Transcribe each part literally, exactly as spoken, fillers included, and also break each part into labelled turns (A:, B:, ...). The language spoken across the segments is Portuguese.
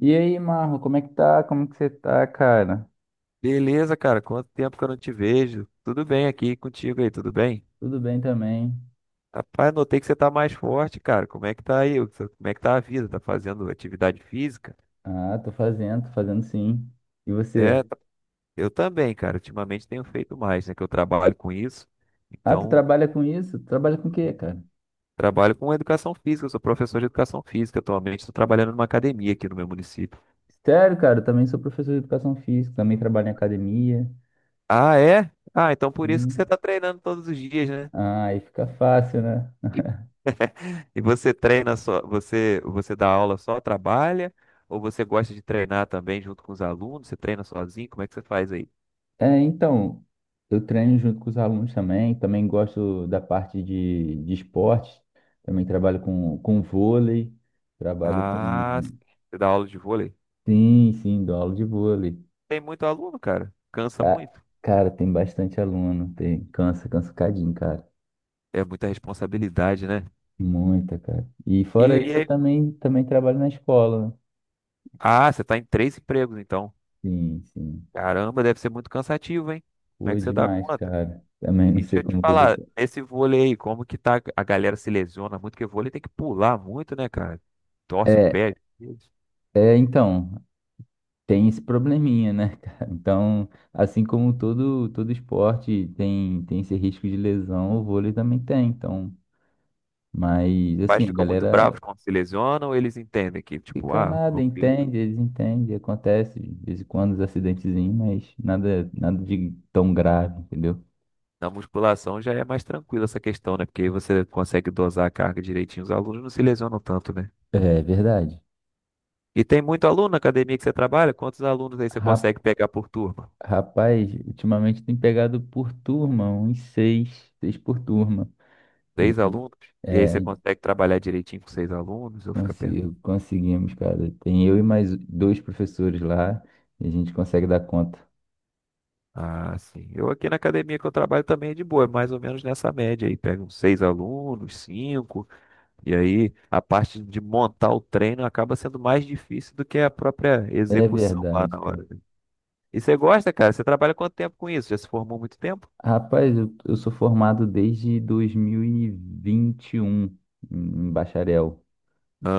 A: E aí, Marlon, como é que tá? Como que você tá, cara?
B: Beleza, cara. Quanto tempo que eu não te vejo? Tudo bem aqui contigo aí, tudo bem?
A: Tudo bem também.
B: Rapaz, notei que você tá mais forte, cara. Como é que tá aí? Como é que tá a vida? Tá fazendo atividade física?
A: Ah, tô fazendo, tô fazendo sim. E você?
B: É, tá- eu também, cara. Ultimamente tenho feito mais, né? Que eu trabalho com isso.
A: Ah, tu
B: Então,
A: trabalha com isso? Tu trabalha com o quê,
B: sim,
A: cara?
B: trabalho com educação física. Eu sou professor de educação física. Atualmente estou trabalhando numa academia aqui no meu município.
A: Sério, cara, eu também sou professor de educação física, também trabalho em academia.
B: Ah, é? Ah, então por isso que você
A: Sim.
B: tá treinando todos os dias, né?
A: Ah, aí fica fácil, né?
B: E você treina só, você, você dá aula só, trabalha? Ou você gosta de treinar também junto com os alunos? Você treina sozinho? Como é que você faz aí?
A: É, então, eu treino junto com os alunos também, também gosto da parte de, de esporte. Também trabalho com, com vôlei, trabalho
B: Ah,
A: com...
B: você dá aula de vôlei?
A: Sim, sim, dou aula de vôlei.
B: Tem muito aluno, cara. Cansa
A: Ca-
B: muito.
A: Cara, tem bastante aluno, tem, cansa, cansa um cadinho, cara.
B: É muita responsabilidade, né?
A: Muita, cara. E
B: E,
A: fora
B: e
A: isso, eu
B: aí...
A: também, também trabalho na escola, né?
B: Ah, você tá em três empregos, então.
A: Sim, sim.
B: Caramba, deve ser muito cansativo, hein? Como
A: Pô,
B: é
A: é
B: que você dá
A: demais,
B: conta?
A: cara. Também não
B: E deixa
A: sei
B: eu te
A: como todo.
B: falar, esse vôlei aí, como que tá? A galera se lesiona muito, porque vôlei tem que pular muito, né, cara? Torce o
A: É,
B: pé.
A: é, então, tem esse probleminha, né, cara? Então, assim como todo, todo esporte tem, tem esse risco de lesão, o vôlei também tem, então. Mas,
B: Pais
A: assim, a
B: ficam muito
A: galera,
B: bravos quando se lesionam, eles entendem que, tipo,
A: fica
B: ah,
A: nada,
B: meu filho,
A: entende, eles entendem, acontece de vez em quando os acidentezinhos, mas nada, nada de tão grave, entendeu?
B: na musculação já é mais tranquila essa questão, né? Porque aí você consegue dosar a carga direitinho, os alunos não se lesionam tanto, né?
A: É verdade.
B: E tem muito aluno na academia que você trabalha? Quantos alunos aí você
A: Ra-
B: consegue pegar por turma?
A: Rapaz, ultimamente tem pegado por turma, uns seis, seis por turma. E
B: Seis
A: aí,
B: alunos? E aí
A: é,
B: você consegue trabalhar direitinho com seis alunos? Eu fico perto.
A: consi- Conseguimos, cara. Tem eu e mais dois professores lá, e a gente consegue dar conta.
B: Ah, sim. Eu aqui na academia que eu trabalho também é de boa, é mais ou menos nessa média aí. Pega uns seis alunos, cinco. E aí a parte de montar o treino acaba sendo mais difícil do que a própria
A: É
B: execução lá
A: verdade,
B: na
A: cara.
B: hora. E você gosta, cara? Você trabalha quanto tempo com isso? Já se formou muito tempo?
A: Rapaz, eu, eu sou formado desde dois mil e vinte e um em em bacharel.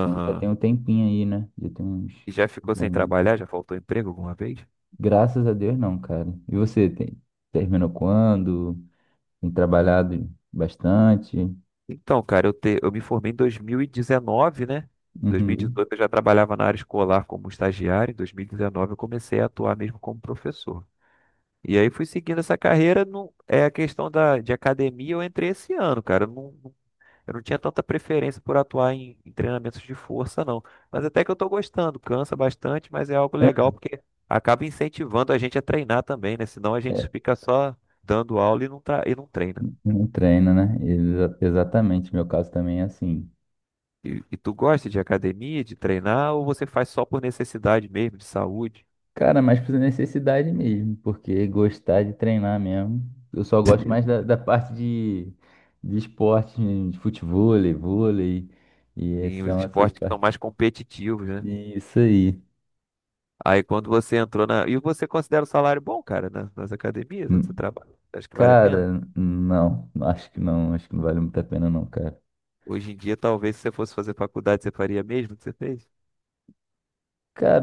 A: Então, já tem um tempinho aí, né? Já tem uns
B: E já ficou
A: uns
B: sem
A: aninhos.
B: trabalhar? Já faltou emprego alguma vez?
A: Graças a Deus, não, cara. E você, tem... terminou quando? Tem trabalhado bastante?
B: Então, cara, eu, te- eu me formei em dois mil e dezenove, né?
A: Uhum.
B: dois mil e dezoito eu já trabalhava na área escolar como estagiário, em dois mil e dezenove eu comecei a atuar mesmo como professor. E aí fui seguindo essa carreira, não é a questão da, de academia, eu entrei esse ano, cara. Eu Não, Eu não tinha tanta preferência por atuar em, em treinamentos de força, não. Mas até que eu tô gostando, cansa bastante, mas é algo legal porque acaba incentivando a gente a treinar também, né? Senão a gente
A: É,
B: fica só dando aula e não tá, e não treina.
A: não treina, né? Exa- exatamente. Meu caso também é assim.
B: E, e tu gosta de academia, de treinar, ou você faz só por necessidade mesmo, de saúde?
A: Cara, mas por necessidade mesmo, porque gostar de treinar mesmo. Eu só gosto mais da, da parte de, de esporte, de futevôlei, vôlei, e
B: Tem os
A: são essas
B: esportes que são
A: partes.
B: mais competitivos, né?
A: Isso aí.
B: Aí quando você entrou na. E você considera o salário bom, cara, na- nas academias onde você trabalha? Acho que vale a pena?
A: Cara, não, acho que não, acho que não vale muito a pena não, cara.
B: Hoje em dia, talvez, se você fosse fazer faculdade, você faria mesmo o que você fez?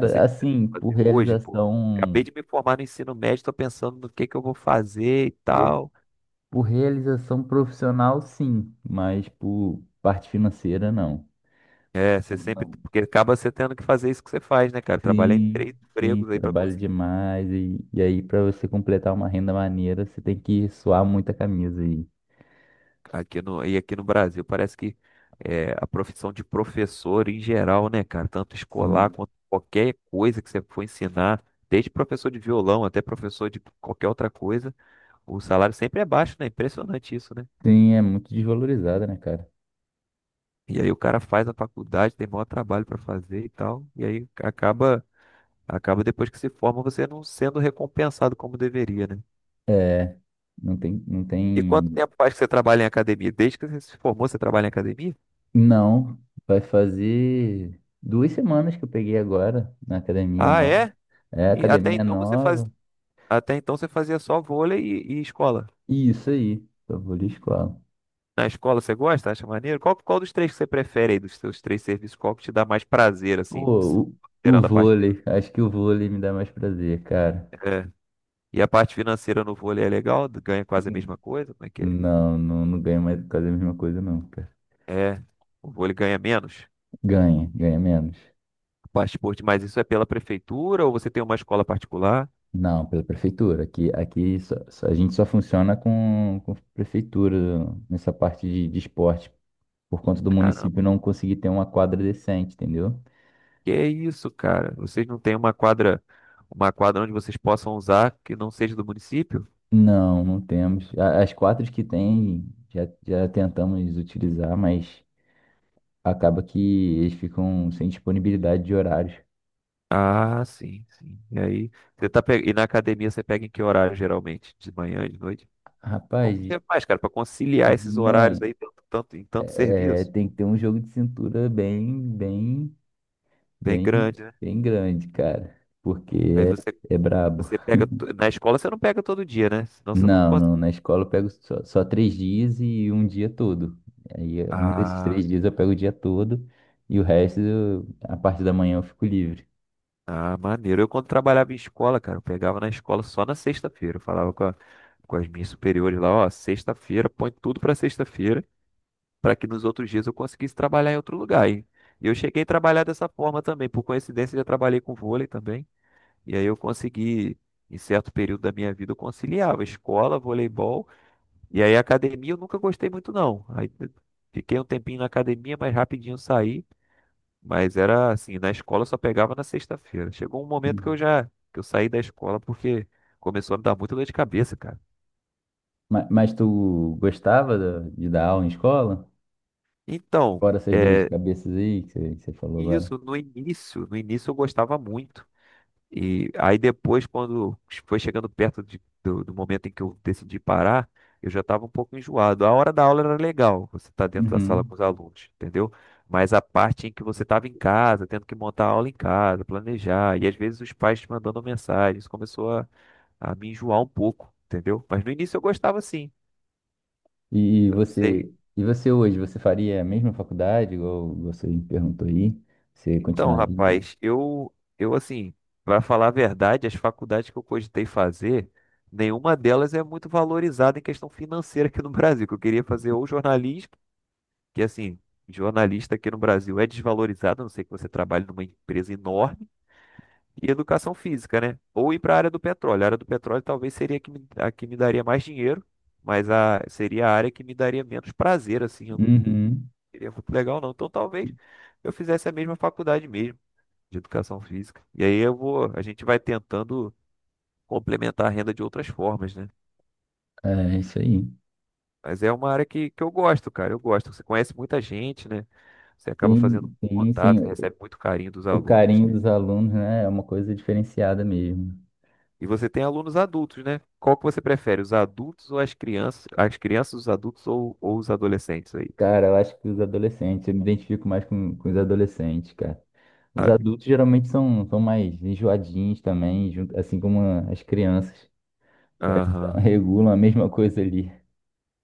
B: Não sei o que eu
A: assim,
B: vou
A: por
B: fazer hoje, pô. Acabei
A: realização,
B: de me formar no ensino médio, tô pensando no que que eu vou fazer e
A: por,
B: tal.
A: por realização profissional, sim, mas por parte financeira, não.
B: É, você
A: Não,
B: sempre,
A: não.
B: porque acaba você tendo que fazer isso que você faz, né, cara? Trabalhar em
A: Sim,
B: três
A: sim,
B: empregos aí pra
A: trabalho
B: conseguir.
A: demais e, e aí para você completar uma renda maneira, você tem que suar muita camisa aí.
B: Aqui no, e aqui no Brasil parece que é, a profissão de professor em geral, né, cara? Tanto escolar
A: Sim,
B: quanto qualquer coisa que você for ensinar, desde professor de violão até professor de qualquer outra coisa, o salário sempre é baixo, né? Impressionante isso, né?
A: sim, é muito desvalorizada, né, cara?
B: E aí o cara faz a faculdade, tem maior trabalho para fazer e tal. E aí acaba, acaba depois que se forma você não sendo recompensado como deveria, né?
A: É, não tem, não
B: E quanto
A: tem.
B: tempo faz que você trabalha em academia? Desde que você se formou, você trabalha em academia?
A: Não, vai fazer duas semanas que eu peguei agora na academia
B: Ah,
A: nova.
B: é?
A: É,
B: E até
A: academia
B: então você faz,
A: nova.
B: Até então você fazia só vôlei e, e escola.
A: Isso aí, só vou de escola.
B: Na escola você gosta? Acha maneiro? Qual, qual dos três que você prefere aí, dos seus três serviços? Qual que te dá mais prazer, assim,
A: Pô, o, o
B: considerando a parte
A: vôlei, acho que o vôlei me dá mais prazer, cara.
B: financeira? É. E a parte financeira no vôlei é legal? Ganha quase a mesma coisa? Como é que é?
A: Não, não, não ganha mais por causa da mesma coisa, não, cara.
B: É, o vôlei ganha menos.
A: Ganha, ganha menos.
B: O Passaporte, mas isso é pela prefeitura ou você tem uma escola particular?
A: Não, pela prefeitura. Aqui, aqui só- só- a gente só funciona com, com prefeitura nessa parte de, de esporte, por conta do
B: Caramba,
A: município não conseguir ter uma quadra decente, entendeu?
B: que é isso, cara? Vocês não têm uma quadra, uma quadra onde vocês possam usar que não seja do município?
A: Não, não temos. A- As quatro que tem, já, já tentamos utilizar, mas acaba que eles ficam sem disponibilidade de horários.
B: Ah, sim, sim. E aí, você tá pe... e na academia você pega em que horário geralmente? De manhã, de noite?
A: Rapaz,
B: Como
A: de
B: você faz, cara, para conciliar
A: de
B: esses horários
A: mãe,
B: aí tanto, tanto- em tanto
A: é,
B: serviço?
A: tem que ter um jogo de cintura bem, bem,
B: Bem
A: bem,
B: grande, né?
A: bem grande, cara, porque
B: Aí você
A: é, é brabo.
B: você pega to- na escola você não pega todo dia, né? Senão você não
A: Não,
B: consegue.
A: não, na escola eu pego só, só três dias e um dia todo. Aí é, um desses três dias eu pego o dia todo e o resto, eu- a parte da manhã eu fico livre.
B: Ah, maneiro. Eu quando trabalhava em escola, cara, eu pegava na escola só na sexta-feira. Eu falava com, a- com as minhas superiores lá, ó, sexta-feira, põe tudo pra sexta-feira, pra que nos outros dias eu conseguisse trabalhar em outro lugar. E e eu cheguei a trabalhar dessa forma também. Por coincidência, eu já trabalhei com vôlei também. E aí eu consegui, em certo período da minha vida, eu conciliava escola, voleibol. E aí academia eu nunca gostei muito, não. Aí eu fiquei um tempinho na academia, mas rapidinho eu saí. Mas era assim, na escola eu só pegava na sexta-feira. Chegou um momento que eu já que eu saí da escola porque começou a me dar muita dor de cabeça, cara.
A: Ma- Mas, tu gostava da- de dar aula em escola?
B: Então,
A: Fora essas dores de
B: é,
A: cabeça aí que você, que você falou agora.
B: isso no início, no início eu gostava muito. E aí depois, quando foi chegando perto de- do, do momento em que eu decidi parar, eu já estava um pouco enjoado. A hora da aula era legal, você tá dentro da sala
A: Uhum.
B: com os alunos, entendeu? Mas a parte em que você estava em casa, tendo que montar a aula em casa, planejar, e às vezes os pais te mandando mensagem, isso começou a me enjoar um pouco, entendeu? Mas no início eu gostava sim.
A: E
B: Eu não
A: você,
B: sei.
A: e você hoje, você faria a mesma faculdade, igual você me perguntou aí? Você
B: Então,
A: continuaria?
B: rapaz, eu eu assim, para falar a verdade, as faculdades que eu cogitei fazer, nenhuma delas é muito valorizada em questão financeira aqui no Brasil. Que eu queria fazer ou jornalismo, que assim, jornalista aqui no Brasil é desvalorizado, a não sei que você trabalhe numa empresa enorme, e educação física, né? Ou ir para a área do petróleo. A área do petróleo talvez seria a que me, a que me daria mais dinheiro. Mas a, seria a área que me daria menos prazer, assim, eu não,
A: Uhum.
B: seria muito legal, não. Então talvez eu fizesse a mesma faculdade mesmo, de educação física. E aí eu vou, a gente vai tentando complementar a renda de outras formas, né?
A: É isso aí.
B: Mas é uma área que, que eu gosto, cara. Eu gosto. Você conhece muita gente, né? Você acaba fazendo
A: Sim, sim,
B: contato, você
A: sim.
B: recebe muito carinho dos
A: O
B: alunos.
A: carinho dos alunos, né, é uma coisa diferenciada mesmo.
B: E você tem alunos adultos, né? Qual que você prefere, os adultos ou as crianças? As crianças, os adultos ou, ou os adolescentes aí?
A: Cara, eu acho que os adolescentes, eu me identifico mais com, com os adolescentes, cara. Os
B: A-
A: adultos geralmente são, são mais enjoadinhos também, junto- assim como as crianças. Parece que elas
B: Aham.
A: regulam a mesma coisa ali.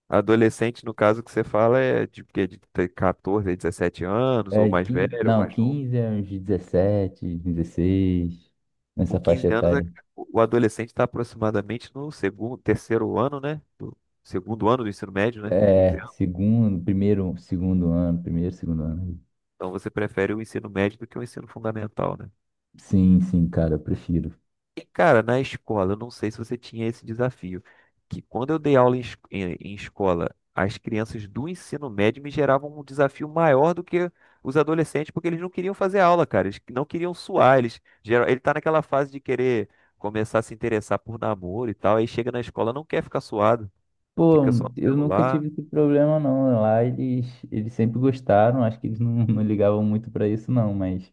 B: Adolescente, no caso que você fala, é de, quê? De ter quatorze, dezessete anos, ou
A: É,
B: mais
A: quin
B: velho, ou
A: não,
B: mais novo.
A: Quinze a uns dezessete dezesseis nessa
B: Com quinze
A: faixa
B: anos, é-
A: etária.
B: o adolescente está aproximadamente no segundo, terceiro ano, né? Do segundo ano do ensino médio, né? quinze
A: É,
B: anos.
A: segundo, primeiro, segundo ano, primeiro, segundo ano.
B: Então você prefere o ensino médio do que o ensino fundamental, né?
A: Sim, sim, cara, eu prefiro.
B: E, cara, na escola, eu não sei se você tinha esse desafio, que quando eu dei aula em, es- em- em escola, as crianças do ensino médio me geravam um desafio maior do que os adolescentes, porque eles não queriam fazer aula, cara. Eles não queriam suar. Eles, geral- ele tá naquela fase de querer começar a se interessar por namoro e tal, aí chega na escola, não quer ficar suado.
A: Pô,
B: Fica só no
A: eu nunca
B: celular.
A: tive esse problema não. Lá eles, eles sempre gostaram, acho que eles não, não ligavam muito pra isso não, mas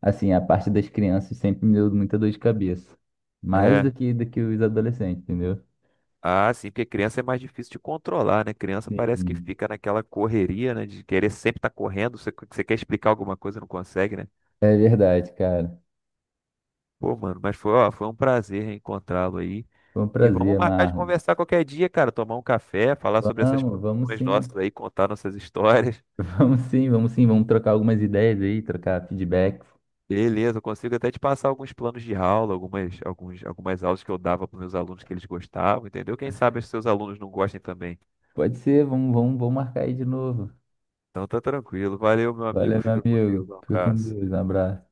A: assim, a parte das crianças sempre me deu muita dor de cabeça. Mais
B: É.
A: do que, do que os adolescentes, entendeu?
B: Ah, sim, porque criança é mais difícil de controlar, né? Criança parece que
A: Sim,
B: fica naquela correria, né? De querer sempre estar correndo. Você, você quer explicar alguma coisa, e não consegue, né?
A: é verdade, cara.
B: Pô, mano, mas foi, ó, foi um prazer reencontrá-lo aí.
A: Foi um
B: E vamos
A: prazer,
B: marcar de
A: Marlon.
B: conversar qualquer dia, cara. Tomar um café, falar sobre essas
A: Vamos, vamos
B: profissões
A: sim.
B: nossas aí, contar nossas histórias.
A: Vamos sim, vamos sim, vamos trocar algumas ideias aí, trocar feedbacks.
B: Beleza, eu consigo até te passar alguns planos de aula, algumas, alguns, algumas aulas que eu dava para meus alunos que eles gostavam, entendeu? Quem sabe os seus alunos não gostem também.
A: Pode ser, vamos, vamos, vamos marcar aí de novo.
B: Então tá tranquilo. Valeu, meu amigo.
A: Valeu, meu
B: Fica com Deus.
A: amigo.
B: Um
A: Fica com
B: abraço.
A: Deus, um abraço.